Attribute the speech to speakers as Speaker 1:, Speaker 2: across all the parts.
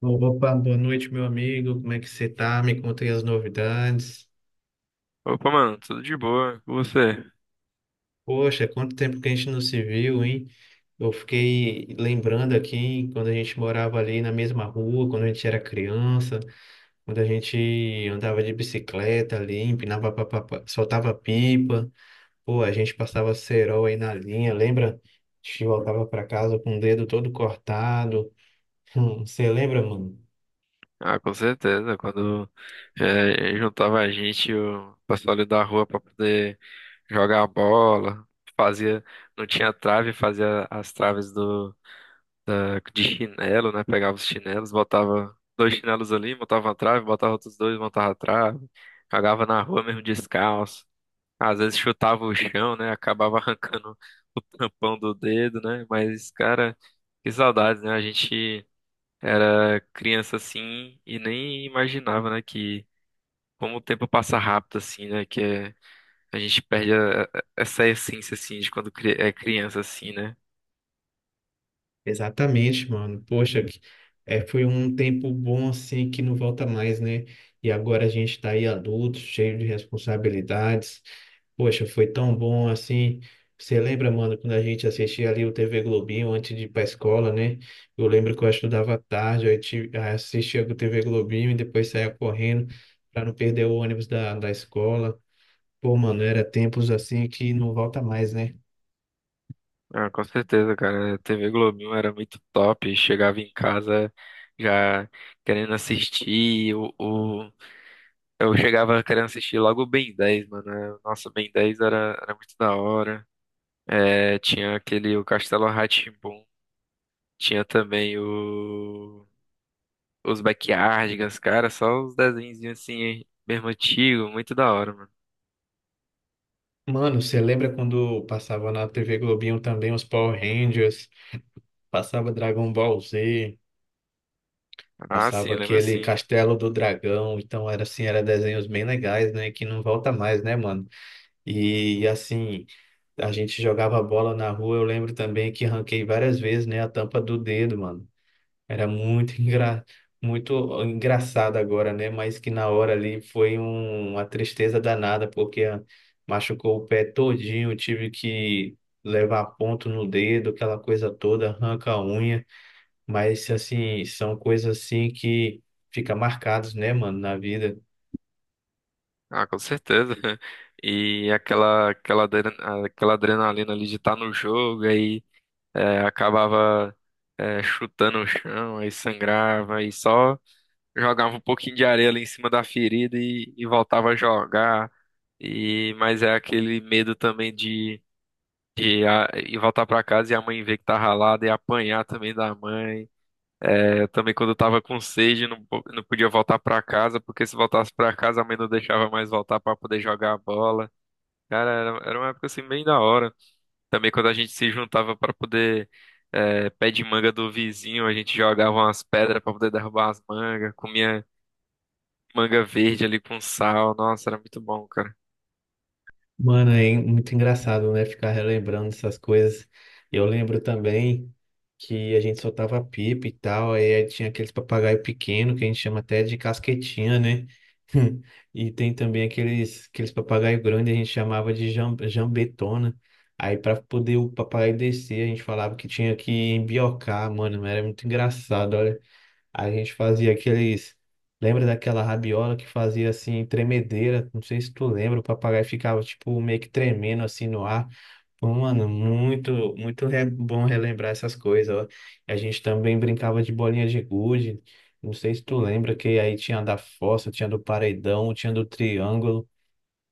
Speaker 1: Opa, boa noite, meu amigo. Como é que você tá? Me contem as novidades.
Speaker 2: Opa, mano, tudo de boa com você?
Speaker 1: Poxa, quanto tempo que a gente não se viu, hein? Eu fiquei lembrando aqui quando a gente morava ali na mesma rua, quando a gente era criança, quando a gente andava de bicicleta ali, empinava, papapá, soltava pipa. Pô, a gente passava cerol aí na linha, lembra? A gente voltava pra casa com o dedo todo cortado. Você lembra, mano?
Speaker 2: Ah, com certeza. Quando juntava a gente, o pessoal ali da rua pra poder jogar bola, fazia, não tinha trave, fazia as traves de chinelo, né? Pegava os chinelos, botava dois chinelos ali, montava uma trave, botava outros dois, montava a trave, jogava na rua mesmo descalço. Às vezes chutava o chão, né? Acabava arrancando o tampão do dedo, né? Mas, cara, que saudades, né? A gente era criança assim e nem imaginava, né, que como o tempo passa rápido assim, né, a gente perde essa essência assim de quando é criança assim, né?
Speaker 1: Exatamente, mano. É, foi um tempo bom assim que não volta mais, né? E agora a gente tá aí adulto, cheio de responsabilidades. Poxa, foi tão bom assim. Você lembra, mano, quando a gente assistia ali o TV Globinho antes de ir pra escola, né? Eu lembro que eu estudava à tarde, aí assistia o TV Globinho e depois saía correndo pra não perder o ônibus da escola. Pô, mano, era tempos assim que não volta mais, né?
Speaker 2: Ah, com certeza, cara. A TV Globinho era muito top. Chegava em casa já querendo assistir. Eu chegava querendo assistir logo o Ben 10, mano. Nossa, o Ben 10 era muito da hora. É, tinha aquele, o Castelo rá tinha também o. os Backyardigans, cara, só os desenhinhos assim, mesmo antigo, muito da hora, mano.
Speaker 1: Mano, você lembra quando passava na TV Globinho também os Power Rangers, passava Dragon Ball Z,
Speaker 2: Ah,
Speaker 1: passava
Speaker 2: sim, lembro
Speaker 1: aquele
Speaker 2: sim.
Speaker 1: Castelo do Dragão? Então era assim, era desenhos bem legais, né, que não volta mais, né, mano? E assim, a gente jogava bola na rua, eu lembro também que ranquei várias vezes, né, a tampa do dedo, mano. Era muito muito engraçado agora, né? Mas que na hora ali uma tristeza danada, porque machucou o pé todinho, tive que levar ponto no dedo, aquela coisa toda, arranca a unha. Mas, assim, são coisas assim que fica marcados, né, mano, na vida.
Speaker 2: Ah, com certeza. E aquela adrenalina ali de estar no jogo, aí acabava chutando o chão, aí sangrava, aí só jogava um pouquinho de areia ali em cima da ferida e voltava a jogar. E, mas é aquele medo também de e voltar pra casa e a mãe ver que tá ralado e apanhar também da mãe. É, eu também quando eu tava com sede não, não podia voltar pra casa, porque se voltasse pra casa a mãe não deixava mais voltar pra poder jogar a bola. Cara, era uma época assim bem da hora. Também quando a gente se juntava pra poder pé de manga do vizinho, a gente jogava umas pedras pra poder derrubar as mangas, comia manga verde ali com sal. Nossa, era muito bom, cara.
Speaker 1: Mano, é muito engraçado, né? Ficar relembrando essas coisas. Eu lembro também que a gente soltava pipa e tal, aí tinha aqueles papagaio pequeno que a gente chama até de casquetinha, né? E tem também aqueles papagaio grande, a gente chamava de jambetona. Aí para poder o papagaio descer, a gente falava que tinha que embiocar, mano, era muito engraçado, a gente fazia aqueles. Lembra daquela rabiola que fazia assim, tremedeira? Não sei se tu lembra, o papagaio ficava tipo meio que tremendo assim no ar. Pô, mano, bom relembrar essas coisas, ó. A gente também brincava de bolinha de gude. Não sei se tu lembra que aí tinha a da fossa, tinha do paredão, tinha do triângulo.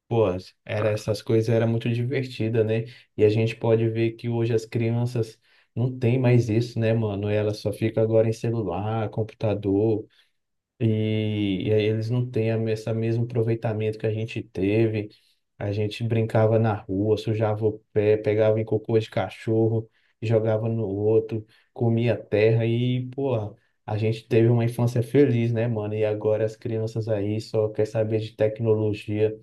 Speaker 1: Pô, era
Speaker 2: Ah,
Speaker 1: essas coisas era muito divertida, né? E a gente pode ver que hoje as crianças não têm mais isso, né, mano? Elas só ficam agora em celular, computador, e aí eles não têm a, esse mesmo aproveitamento que a gente teve. A gente brincava na rua, sujava o pé, pegava em cocô de cachorro, jogava no outro, comia terra e, pô, a gente teve uma infância feliz, né, mano? E agora as crianças aí só quer saber de tecnologia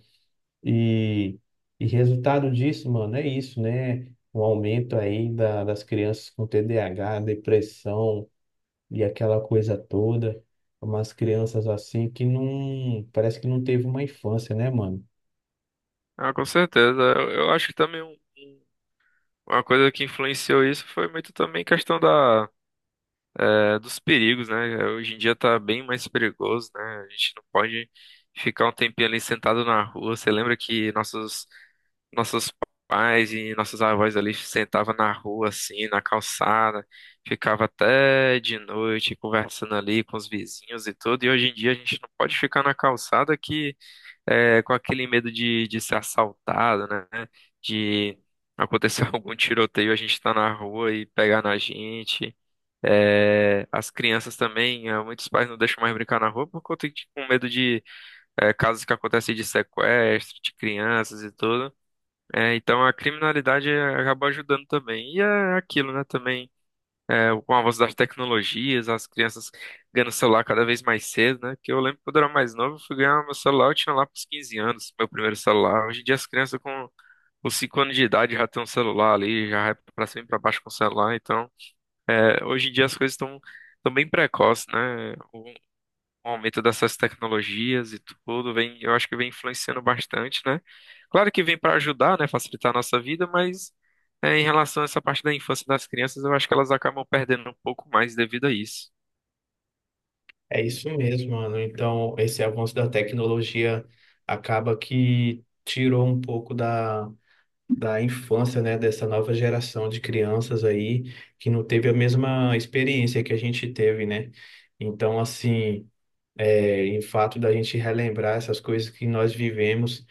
Speaker 1: e, e resultado disso, mano, é isso, né? Um aumento aí das crianças com TDAH, depressão e aquela coisa toda. Umas crianças assim que não, parece que não teve uma infância, né, mano?
Speaker 2: ah, com certeza. Eu acho que também uma coisa que influenciou isso foi muito também questão da dos perigos, né? Hoje em dia tá bem mais perigoso, né? A gente não pode ficar um tempinho ali sentado na rua. Você lembra que nossos pais e nossos avós ali sentavam na rua, assim, na calçada, ficava até de noite conversando ali com os vizinhos e tudo. E hoje em dia a gente não pode ficar na calçada que com aquele medo de ser assaltado, né? De acontecer algum tiroteio, a gente tá na rua e pegar na gente. É, as crianças também, muitos pais não deixam mais brincar na rua por conta de com medo de casos que acontecem de sequestro de crianças e tudo. É, então a criminalidade acaba ajudando também. E é aquilo, né? Também com o avanço das tecnologias, as crianças ganhando celular cada vez mais cedo, né? Que eu lembro quando eu era mais novo, eu fui ganhar meu celular, eu tinha lá pros 15 anos, meu primeiro celular. Hoje em dia as crianças com os 5 anos de idade já tem um celular ali, já vai pra cima e pra baixo com o celular, então. É, hoje em dia as coisas estão bem precoces, né? O aumento dessas tecnologias e tudo vem, eu acho que vem influenciando bastante, né? Claro que vem para ajudar, né, facilitar a nossa vida, mas em relação a essa parte da infância das crianças, eu acho que elas acabam perdendo um pouco mais devido a isso.
Speaker 1: É isso mesmo, mano. Então, esse avanço da tecnologia acaba que tirou um pouco da infância, né, dessa nova geração de crianças aí que não teve a mesma experiência que a gente teve, né? Então, assim. É, em fato da gente relembrar essas coisas que nós vivemos,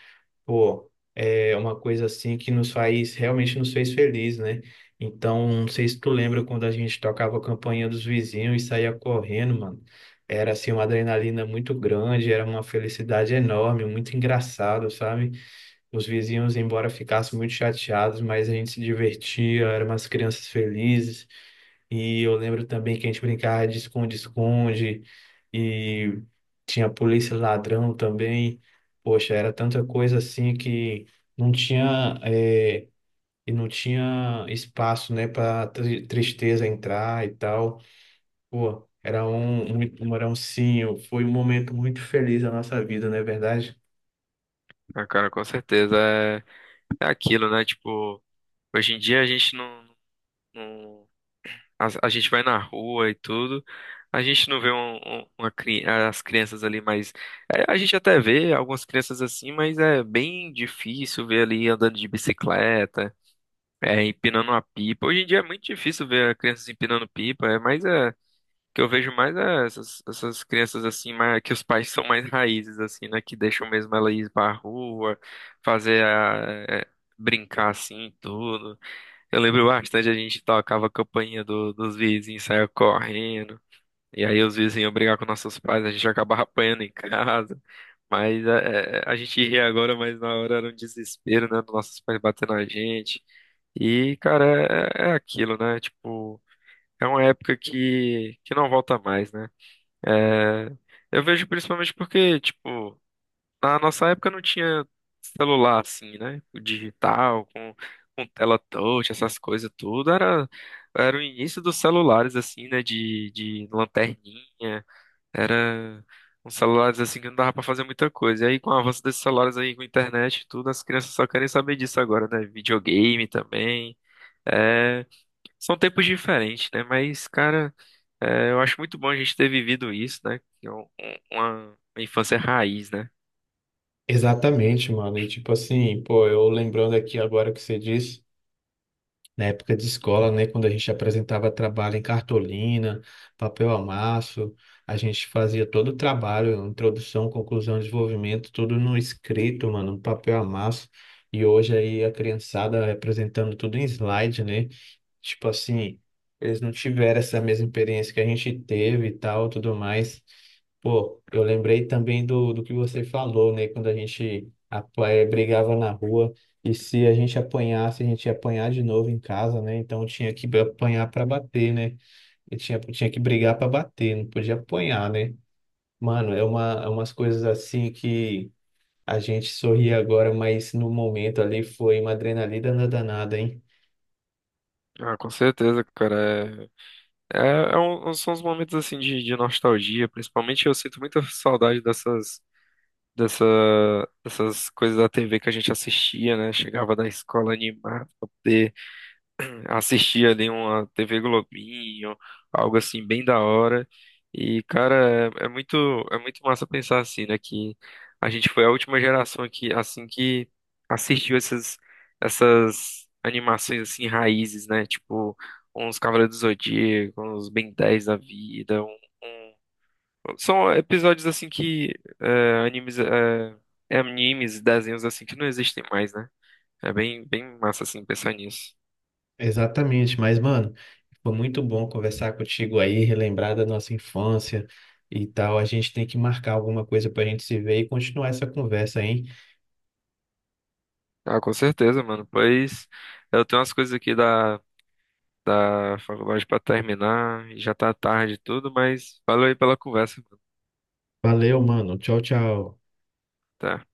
Speaker 1: pô, é uma coisa assim que nos faz, realmente nos fez feliz, né? Então, não sei se tu lembra quando a gente tocava a campainha dos vizinhos e saía correndo, mano. Era assim uma adrenalina muito grande, era uma felicidade enorme, muito engraçado, sabe? Os vizinhos, embora ficassem muito chateados, mas a gente se divertia, eram umas crianças felizes. E eu lembro também que a gente brincava de esconde-esconde e tinha polícia e ladrão também. Poxa, era tanta coisa assim que não tinha eh, e não tinha espaço, né, para tristeza entrar e tal. Pô, era um, muito um era um sim foi um momento muito feliz da nossa vida, não é verdade?
Speaker 2: Ah, cara, com certeza é aquilo, né? Tipo, hoje em dia a gente não, não A, a gente vai na rua e tudo. A gente não vê as crianças ali, mas a gente até vê algumas crianças assim, mas é bem difícil ver ali andando de bicicleta, empinando uma pipa. Hoje em dia é muito difícil ver crianças empinando pipa, é mais o que eu vejo mais é essas crianças assim, mais, que os pais são mais raízes assim, né, que deixam mesmo ela ir pra rua, fazer brincar assim, e tudo. Eu lembro bastante, a gente tocava a campainha dos vizinhos, saia correndo. E aí os vizinhos iam brigar com nossos pais, a gente acabava apanhando em casa. Mas é, a gente ri agora, mas na hora era um desespero, né? Dos nossos pais batendo na gente. E, cara, é aquilo, né? Tipo, é uma época que não volta mais, né? É, eu vejo principalmente porque, tipo. Na nossa época não tinha celular assim, né? O digital, com tela touch, essas coisas tudo. Era o início dos celulares, assim, né? De lanterninha. Era uns celulares assim que não dava pra fazer muita coisa. E aí, com o avanço desses celulares aí, com internet e tudo, as crianças só querem saber disso agora, né? Videogame também. É, são tempos diferentes, né? Mas, cara, eu acho muito bom a gente ter vivido isso, né? Que é uma infância raiz, né?
Speaker 1: Exatamente, mano. E tipo assim, pô, eu lembrando aqui agora o que você disse. Na época de escola, né, quando a gente apresentava trabalho em cartolina, papel amasso, a gente fazia todo o trabalho, introdução, conclusão, desenvolvimento, tudo no escrito, mano, no papel amasso. E hoje aí a criançada apresentando tudo em slide, né? Tipo assim, eles não tiveram essa mesma experiência que a gente teve e tal, tudo mais. Pô, eu lembrei também do que você falou, né? Quando a gente brigava na rua e se a gente apanhasse, a gente ia apanhar de novo em casa, né? Então tinha que apanhar para bater, né? E tinha que brigar para bater, não podia apanhar, né? Mano, é umas coisas assim que a gente sorri agora, mas no momento ali foi uma adrenalina danada, hein?
Speaker 2: Ah, com certeza, cara. São uns momentos assim de nostalgia, principalmente eu sinto muita saudade dessa, dessas coisas da TV que a gente assistia, né? Chegava da escola animado, assistir ali uma TV Globinho, algo assim bem da hora. E, cara, é muito massa pensar assim, né? Que a gente foi a última geração que, assim, que assistiu essas animações, assim, raízes, né? Tipo, uns Cavaleiros do Zodíaco, uns Ben 10 da vida, São episódios, assim, que é, animes, é, animes, desenhos, assim, que não existem mais, né? É bem, bem massa, assim, pensar nisso.
Speaker 1: Exatamente, mas mano, foi muito bom conversar contigo aí, relembrar da nossa infância e tal. A gente tem que marcar alguma coisa pra gente se ver e continuar essa conversa, hein?
Speaker 2: Ah, com certeza, mano. Pois eu tenho umas coisas aqui da faculdade pra terminar e já tá tarde e tudo, mas valeu aí pela conversa, mano.
Speaker 1: Valeu, mano. Tchau, tchau.
Speaker 2: Tá.